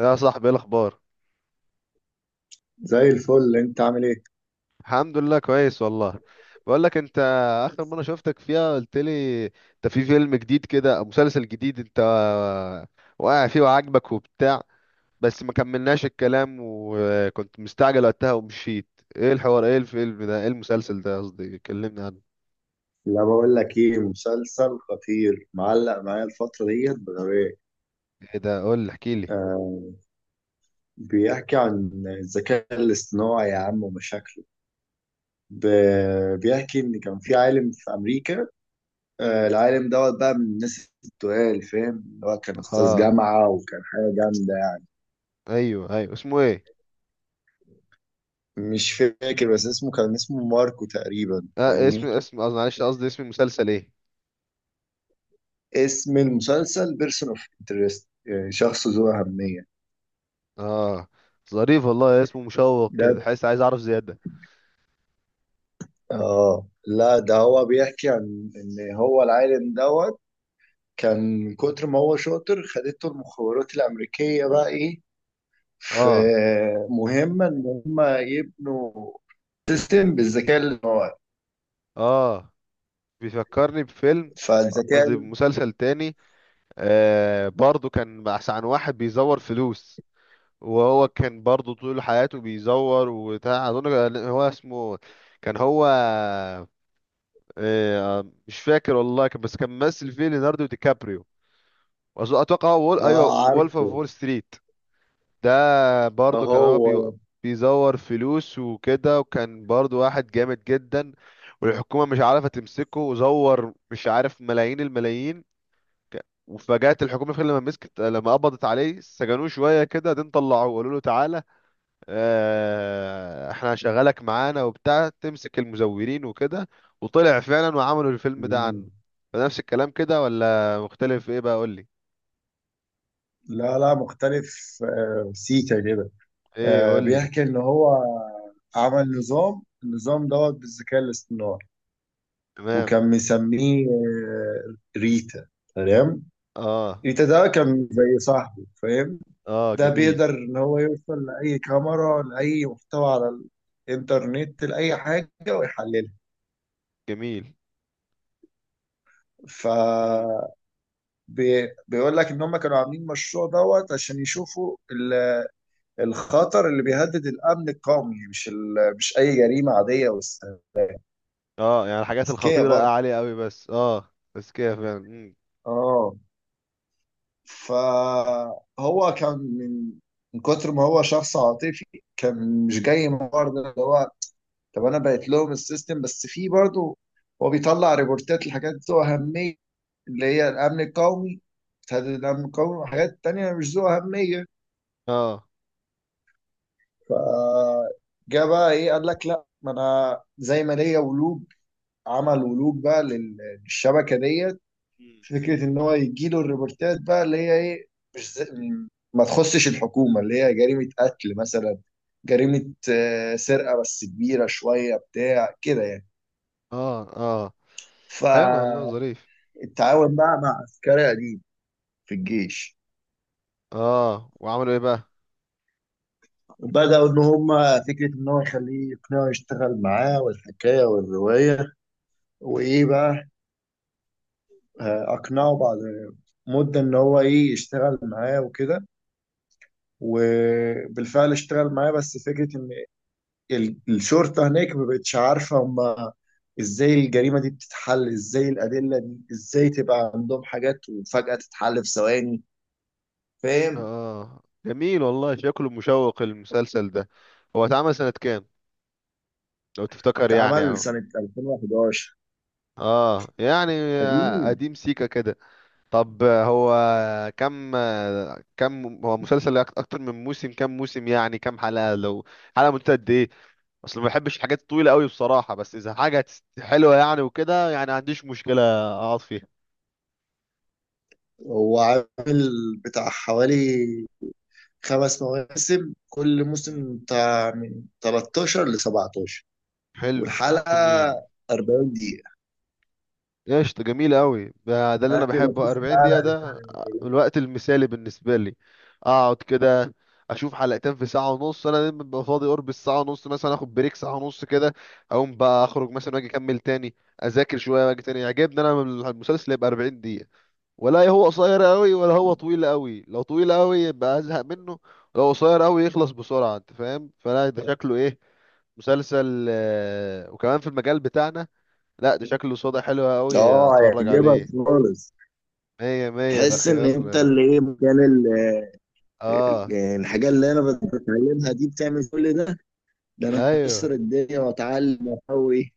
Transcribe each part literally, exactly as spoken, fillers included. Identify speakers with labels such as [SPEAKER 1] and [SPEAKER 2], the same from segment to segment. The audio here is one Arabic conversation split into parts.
[SPEAKER 1] يا صاحبي ايه الاخبار؟
[SPEAKER 2] زي الفل، انت عامل ايه؟
[SPEAKER 1] الحمد لله كويس والله. بقول لك انت، اخر مره شفتك فيها قلت لي انت في فيلم جديد كده أو مسلسل جديد انت واقع فيه وعاجبك وبتاع، بس ما كملناش الكلام وكنت مستعجل وقتها ومشيت. ايه الحوار؟ ايه الفيلم ده؟ ايه المسلسل ده؟ قصدي كلمني عنه.
[SPEAKER 2] لا، بقول لك ايه، مسلسل خطير معلق معايا الفترة ديت بغباء.
[SPEAKER 1] ايه ده؟ قول لي، احكي لي.
[SPEAKER 2] آه. بيحكي عن الذكاء الاصطناعي يا عم ومشاكله. ب- بيحكي ان كان في عالم في امريكا. آه،
[SPEAKER 1] امم
[SPEAKER 2] العالم دوت بقى من الناس التقال، فاهم؟ اللي هو كان استاذ
[SPEAKER 1] اه
[SPEAKER 2] جامعة وكان حاجة جامدة يعني.
[SPEAKER 1] ايوه ايوه اسمه ايه؟
[SPEAKER 2] مش فاكر، بس اسمه كان اسمه ماركو تقريبا،
[SPEAKER 1] آه اسم
[SPEAKER 2] فاهمني؟
[SPEAKER 1] اسم قصدي معلش قصدي اسم المسلسل ايه؟
[SPEAKER 2] اسم المسلسل بيرسون اوف انترست، شخص ذو أهمية.
[SPEAKER 1] اه، ظريف والله، اسمه مشوق كده، تحس عايز اعرف زياده.
[SPEAKER 2] اه. لا، ده هو بيحكي عن ان هو العالم دوت كان من كتر ما هو شاطر، خدته المخابرات الامريكيه بقى ايه، في
[SPEAKER 1] اه
[SPEAKER 2] مهمه ان هم يبنوا سيستم بالذكاء الاصطناعي.
[SPEAKER 1] اه بيفكرني بفيلم،
[SPEAKER 2] فالذكاء.
[SPEAKER 1] قصدي مسلسل تاني. آه برضو كان بحث عن واحد بيزور فلوس، وهو كان برضو طول حياته بيزور وبتاع، اظن كان هو اسمه، كان هو آه مش فاكر والله، كان- بس كان ممثل فيه ليوناردو دي كابريو. وأظن- اتوقع هو وول ايوه
[SPEAKER 2] اه،
[SPEAKER 1] وولف اوف
[SPEAKER 2] عارفه.
[SPEAKER 1] وول ستريت. ده برضو كان هو
[SPEAKER 2] هو.
[SPEAKER 1] بي... بيزور فلوس وكده، وكان برضو واحد جامد جدا، والحكومة مش عارفة تمسكه، وزور مش عارف ملايين الملايين. ك- وفجأت الحكومة في لما مسكت، لما قبضت عليه سجنوه شوية كده، دين طلعوه وقالوا له تعالى آه، احنا هنشغلك معانا وبتاع، تمسك المزورين وكده، وطلع فعلا وعملوا الفيلم ده
[SPEAKER 2] مم.
[SPEAKER 1] عنه. فنفس الكلام كده ولا مختلف؟ ايه بقى قولي.
[SPEAKER 2] لا لا، مختلف، آه، سيكا كده.
[SPEAKER 1] ايه
[SPEAKER 2] آه،
[SPEAKER 1] قولي.
[SPEAKER 2] بيحكي ان هو عمل نظام النظام دوت بالذكاء الاصطناعي،
[SPEAKER 1] تمام.
[SPEAKER 2] وكان مسميه آه، ريتا. تمام.
[SPEAKER 1] اه
[SPEAKER 2] ريتا ده كان زي صاحبه، فاهم.
[SPEAKER 1] اه،
[SPEAKER 2] ده
[SPEAKER 1] جميل.
[SPEAKER 2] بيقدر ان هو يوصل لاي كاميرا، لاي محتوى على الانترنت، لاي حاجه ويحللها.
[SPEAKER 1] جميل.
[SPEAKER 2] ف،
[SPEAKER 1] مم.
[SPEAKER 2] بي- بيقول لك ان هم كانوا عاملين مشروع دوت عشان يشوفوا ال- الخطر اللي بيهدد الامن القومي، مش ال، مش اي جريمه عاديه بس،
[SPEAKER 1] اه يعني الحاجات
[SPEAKER 2] ذكيه
[SPEAKER 1] الخطيرة
[SPEAKER 2] برضه.
[SPEAKER 1] عالية قوي، بس اه بس كده فعلا. مم.
[SPEAKER 2] اه. فهو كان من من كتر ما هو شخص عاطفي، كان مش جاي من برضه اللي هو، طب انا بقيت لهم السيستم، بس في برضه هو بيطلع ريبورتات لحاجات ذو اهميه، اللي هي الامن القومي، تهدد الامن القومي، وحاجات تانية مش ذو اهميه.
[SPEAKER 1] اه.
[SPEAKER 2] فجاء بقى ايه، قال لك لا، ما انا زي ما ليا ولوج، عمل ولوج بقى لل- للشبكه دي،
[SPEAKER 1] مم. مم.
[SPEAKER 2] فكره ان هو يجيله الريبورتات بقى اللي هي ايه، مش زي ما تخصش الحكومه، اللي هي جريمه قتل مثلا، جريمه آه، سرقه، بس كبيره شويه بتاع كده يعني.
[SPEAKER 1] اه اه، حلو والله،
[SPEAKER 2] فالتعاون
[SPEAKER 1] ظريف.
[SPEAKER 2] بقى مع عسكري قديم في الجيش،
[SPEAKER 1] اه وعملوا ايه بقى؟
[SPEAKER 2] بدأوا إن هما فكرة إن هو يخليه يقنعه يشتغل معاه، والحكاية والرواية وإيه بقى. آه، أقنعه بعد مدة إن هو إيه يشتغل معاه وكده. وبالفعل اشتغل معاه، بس فكرة ال- الشرطة هناك ما بقتش عارفة، هما ازاي الجريمة دي بتتحل، ازاي الأدلة دي، ازاي تبقى عندهم حاجات وفجأة تتحل في ثواني،
[SPEAKER 1] اه.
[SPEAKER 2] فاهم.
[SPEAKER 1] آه. جميل والله، شكله مشوق المسلسل ده. هو اتعمل سنة كام، لو تفتكر يعني
[SPEAKER 2] اتعمل
[SPEAKER 1] او؟
[SPEAKER 2] سنة ألفين وحداشر،
[SPEAKER 1] اه يعني
[SPEAKER 2] قديم.
[SPEAKER 1] قديم، سيكا كده. طب هو كم، كم هو مسلسل أك- اكتر من موسم؟ كم موسم يعني؟ كم حلقة؟ لو حلقة مدتها قد ايه؟ اصل ما بحبش الحاجات الطويله قوي بصراحه، بس اذا حاجه هتست- حلوه يعني وكده يعني ما عنديش مشكله اقعد فيها.
[SPEAKER 2] هو عامل بتاع حوالي خمس مواسم، كل
[SPEAKER 1] مم.
[SPEAKER 2] موسم بتاع من تلتاشر ل سبعتاشر،
[SPEAKER 1] حلو.
[SPEAKER 2] والحلقة
[SPEAKER 1] جميل.
[SPEAKER 2] 40 دقيقة،
[SPEAKER 1] قشطة، جميل قوي ده، ده اللي انا
[SPEAKER 2] بس
[SPEAKER 1] بحبه،
[SPEAKER 2] مفيش
[SPEAKER 1] أربعين دقيقة
[SPEAKER 2] حلقة بتاعت.
[SPEAKER 1] ده الوقت المثالي بالنسبة لي. اقعد كده اشوف حلقتين في ساعة ونص، انا دايما ببقى فاضي قرب الساعة ونص، مثلا اخد بريك ساعة ونص كده، اقوم بقى اخرج مثلا واجي اكمل تاني، اذاكر شوية واجي تاني. يعجبني انا المسلسل يبقى أربعين دقيقة، ولا هو قصير قوي ولا هو طويل قوي. لو طويل قوي يبقى ازهق منه، لو قصير قوي يخلص بسرعة، انت فاهم؟ فلا ده شكله ايه، مسلسل آه، وكمان في المجال بتاعنا. لا ده شكله صدى حلو قوي،
[SPEAKER 2] اه،
[SPEAKER 1] اتفرج
[SPEAKER 2] هيعجبك
[SPEAKER 1] عليه.
[SPEAKER 2] خالص.
[SPEAKER 1] مية مية، ده
[SPEAKER 2] تحس ان
[SPEAKER 1] خيار.
[SPEAKER 2] انت اللي ايه مكان،
[SPEAKER 1] اه.
[SPEAKER 2] يعني الحاجة اللي أنا بت- بتعلمها دي بتعمل كل ده، ده أنا
[SPEAKER 1] ايوه.
[SPEAKER 2] هكسر الدنيا وأتعلم وأقوي.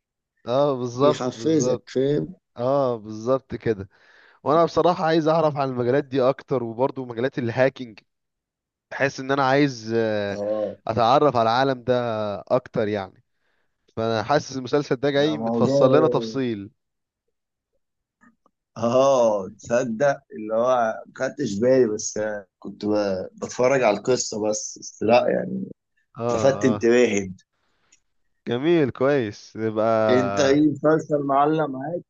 [SPEAKER 1] اه بالظبط
[SPEAKER 2] يحفزك،
[SPEAKER 1] بالظبط.
[SPEAKER 2] فاهم.
[SPEAKER 1] اه بالظبط كده. وانا بصراحة عايز اعرف عن المجالات دي اكتر، وبرضو مجالات الهاكينج، بحس ان انا عايز آه،
[SPEAKER 2] اه،
[SPEAKER 1] اتعرف على العالم ده اكتر يعني. فانا حاسس المسلسل ده
[SPEAKER 2] ده
[SPEAKER 1] جاي
[SPEAKER 2] موضوع.
[SPEAKER 1] متفصل لنا تفصيل.
[SPEAKER 2] اه، تصدق اللي هو، ما خدتش بالي، بس كنت ب- بتفرج على القصة بس بس لا يعني،
[SPEAKER 1] اه
[SPEAKER 2] لفت
[SPEAKER 1] اه.
[SPEAKER 2] انتباهي.
[SPEAKER 1] جميل، كويس يبقى.
[SPEAKER 2] انت ايه مسلسل معلم معاك؟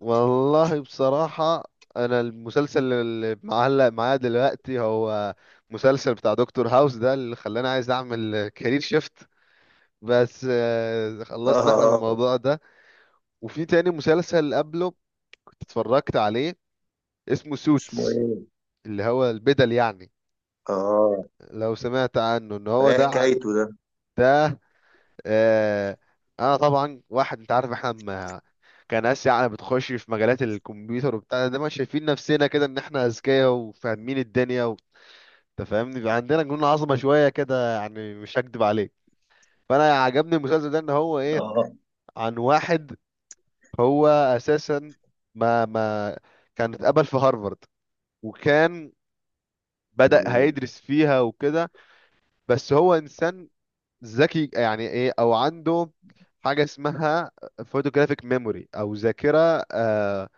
[SPEAKER 1] والله بصراحة، انا المسلسل اللي معلق معايا دلوقتي هو مسلسل بتاع دكتور هاوس، ده اللي خلاني عايز اعمل كارير شيفت، بس آه، خلصنا احنا من
[SPEAKER 2] اه.
[SPEAKER 1] الموضوع ده. وفي تاني مسلسل قبله كنت اتفرجت عليه، اسمه
[SPEAKER 2] اسمه
[SPEAKER 1] سوتس،
[SPEAKER 2] ايه؟
[SPEAKER 1] اللي هو البدل يعني.
[SPEAKER 2] اه.
[SPEAKER 1] لو سمعت عنه، ان
[SPEAKER 2] ده
[SPEAKER 1] هو
[SPEAKER 2] ايه
[SPEAKER 1] ده عن،
[SPEAKER 2] حكايته ده؟
[SPEAKER 1] ده آه، انا طبعا واحد، انت عارف احنا ما كان اسيا يعني بتخش في مجالات الكمبيوتر وبتاع ده، ما شايفين نفسنا كده ان احنا اذكياء وفاهمين الدنيا و- انت فاهمني، بيبقى عندنا جنون عظمه شويه كده يعني، مش هكدب عليك. فانا عجبني المسلسل ده ان هو ايه،
[SPEAKER 2] اه.
[SPEAKER 1] عن واحد، هو اساسا ما ما كان اتقبل في هارفارد، وكان بدأ
[SPEAKER 2] مم.
[SPEAKER 1] هيدرس فيها وكده، بس هو انسان ذكي يعني، ايه او عنده حاجه اسمها فوتوجرافيك ميموري، او ذاكره آه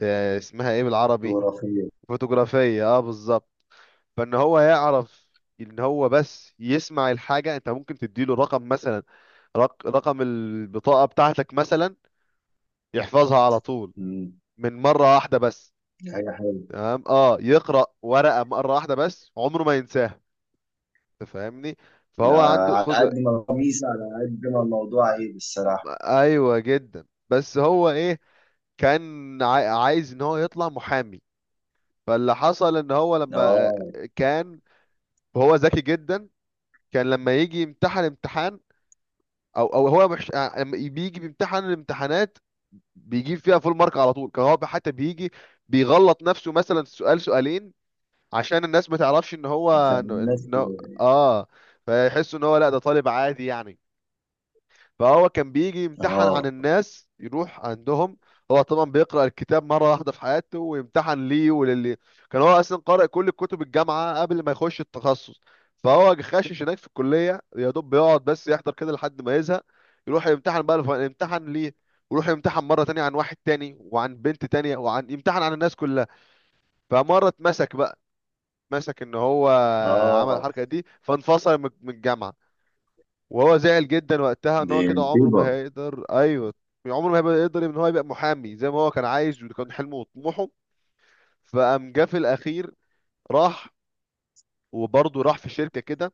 [SPEAKER 1] آه اسمها ايه بالعربي،
[SPEAKER 2] خرافية.
[SPEAKER 1] فوتوغرافيه، اه بالظبط. فان هو يعرف ان هو بس يسمع الحاجه، انت ممكن تديله رقم مثلا، رق رقم البطاقه بتاعتك مثلا، يحفظها على طول من مره واحده بس.
[SPEAKER 2] اي حاجة حلوة.
[SPEAKER 1] تمام. اه يقرا ورقه مره واحده بس عمره ما ينساها، تفهمني؟
[SPEAKER 2] ده
[SPEAKER 1] فهو عنده
[SPEAKER 2] على
[SPEAKER 1] قدر.
[SPEAKER 2] قد ما هو ميزة، على قد ما الموضوع عيب الصراحة.
[SPEAKER 1] ايوه جدا، بس هو ايه، كان عاي- عايز ان هو يطلع محامي. فاللي حصل ان هو لما آه،
[SPEAKER 2] اه،
[SPEAKER 1] كان، وهو ذكي جدا، كان لما يجي يمتحن امتحان، او او هو مش آه، لما بيجي بيمتحن الامتحانات بيجيب فيها فول مارك على طول، كان هو حتى بيجي بيغلط نفسه مثلا سؤال سؤالين عشان الناس ما تعرفش ان
[SPEAKER 2] عشان
[SPEAKER 1] هو إن-
[SPEAKER 2] الناس.
[SPEAKER 1] إن- اه فيحسوا ان هو لا ده طالب عادي يعني. فهو كان بيجي يمتحن عن
[SPEAKER 2] اه.
[SPEAKER 1] الناس، يروح عندهم، هو طبعا بيقرأ الكتاب مرة واحدة في حياته ويمتحن ليه وللي، كان هو أصلا قارئ كل كتب الجامعة قبل ما يخش التخصص. فهو خاشش هناك في الكلية يا دوب بيقعد بس يحضر كده لحد ما يزهق، يروح يمتحن بقى الف- يمتحن ليه، ويروح يمتحن مرة تانية عن واحد تاني وعن بنت تانية وعن، يمتحن عن الناس كلها. فمرة اتمسك بقى، مسك ان هو عمل
[SPEAKER 2] اه.
[SPEAKER 1] الحركة دي، فانفصل من من الجامعة. وهو زعل جدا وقتها ان
[SPEAKER 2] دي
[SPEAKER 1] هو كده عمره ما
[SPEAKER 2] مصيبة.
[SPEAKER 1] هيقدر، ايوه، عمره ما هيبقى يقدر ان هو يبقى محامي زي ما هو كان عايز، وده كان حلمه وطموحه. فقام جه في الاخير، راح، وبرضه راح في شركه كده.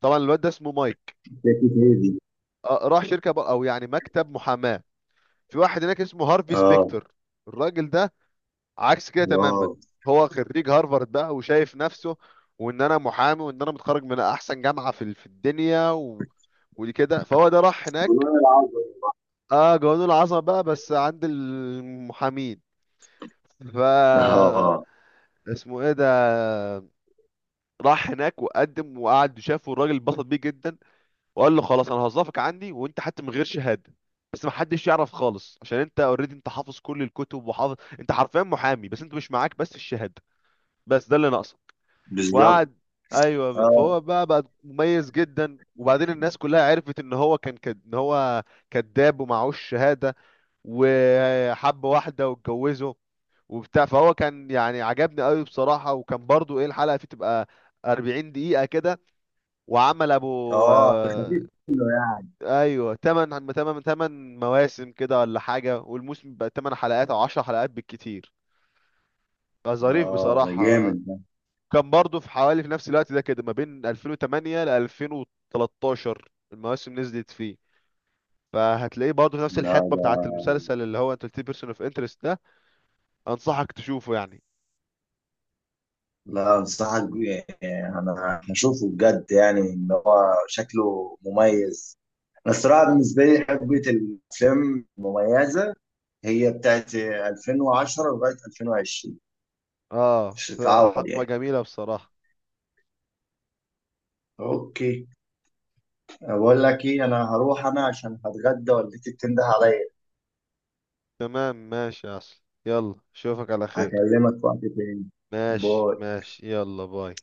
[SPEAKER 1] طبعا الواد ده اسمه مايك.
[SPEAKER 2] شاكت هي دي.
[SPEAKER 1] آه، راح شركه بقى، او يعني مكتب محاماه، في واحد هناك اسمه هارفي
[SPEAKER 2] اه.
[SPEAKER 1] سبيكتر. الراجل ده عكس كده تماما،
[SPEAKER 2] اه.
[SPEAKER 1] هو خريج هارفارد بقى وشايف نفسه وان انا محامي وان انا متخرج من احسن جامعه في في الدنيا و... ودي كده. فهو ده راح هناك،
[SPEAKER 2] والله العظيم.
[SPEAKER 1] اه قانون العصب بقى بس عند المحامين. ف
[SPEAKER 2] اه،
[SPEAKER 1] اسمه ايه ده، راح هناك وقدم وقعد، وشافه الراجل اتبسط بيه جدا، وقال له خلاص انا هوظفك عندي، وانت حتى من غير شهاده، بس ما حدش يعرف خالص، عشان انت اوريدي انت حافظ كل الكتب وحافظ، انت حرفيا محامي، بس انت مش معاك بس الشهاده، بس ده اللي ناقصك.
[SPEAKER 2] بالظبط.
[SPEAKER 1] وقعد، ايوه بقى.
[SPEAKER 2] اه.
[SPEAKER 1] فهو بقى بقى مميز جدا، وبعدين الناس كلها عرفت ان هو كان كد... ان هو كذاب ومعهوش شهاده. وحب واحدة واتجوزوا وبتاع. فهو كان يعني عجبني قوي بصراحة، وكان برضو ايه، الحلقة فيه تبقى أربعين دقيقة كده، وعمل ابو
[SPEAKER 2] اه،
[SPEAKER 1] آه،
[SPEAKER 2] خفيف منه يعني.
[SPEAKER 1] ايوه تمانية تمانية تمانية مواسم كده ولا حاجة، والموسم بقى تمن حلقات او عشرة حلقات بالكتير. فظريف
[SPEAKER 2] اه، ده
[SPEAKER 1] بصراحة.
[SPEAKER 2] جامد ده.
[SPEAKER 1] كان برضو في حوالي في نفس الوقت ده كده، ما بين ألفين وتمانية ل ألفين وتلاتة عشر المواسم نزلت فيه، فهتلاقيه برضه نفس
[SPEAKER 2] لا،
[SPEAKER 1] الحقبة
[SPEAKER 2] ده.
[SPEAKER 1] بتاعت المسلسل اللي هو انت قلت بيرسون اوف انترست ده. انصحك تشوفه يعني.
[SPEAKER 2] لا، انصحك بيه يعني، انا هشوفه بجد يعني، ان هو شكله مميز. انا الصراحه بالنسبه لي حقبه الافلام المميزه هي بتاعت ألفين وعشرة لغايه ألفين وعشرين،
[SPEAKER 1] اه
[SPEAKER 2] مش هتتعوض
[SPEAKER 1] فحقبة
[SPEAKER 2] يعني.
[SPEAKER 1] جميلة بصراحة.
[SPEAKER 2] اوكي. بقول لك ايه، انا هروح انا عشان هتغدى، والدتي بتنده عليا.
[SPEAKER 1] تمام، ماشي يا أصل، يلا أشوفك على خير.
[SPEAKER 2] هكلمك وقت تاني.
[SPEAKER 1] ماشي
[SPEAKER 2] باي.
[SPEAKER 1] ماشي، يلا باي.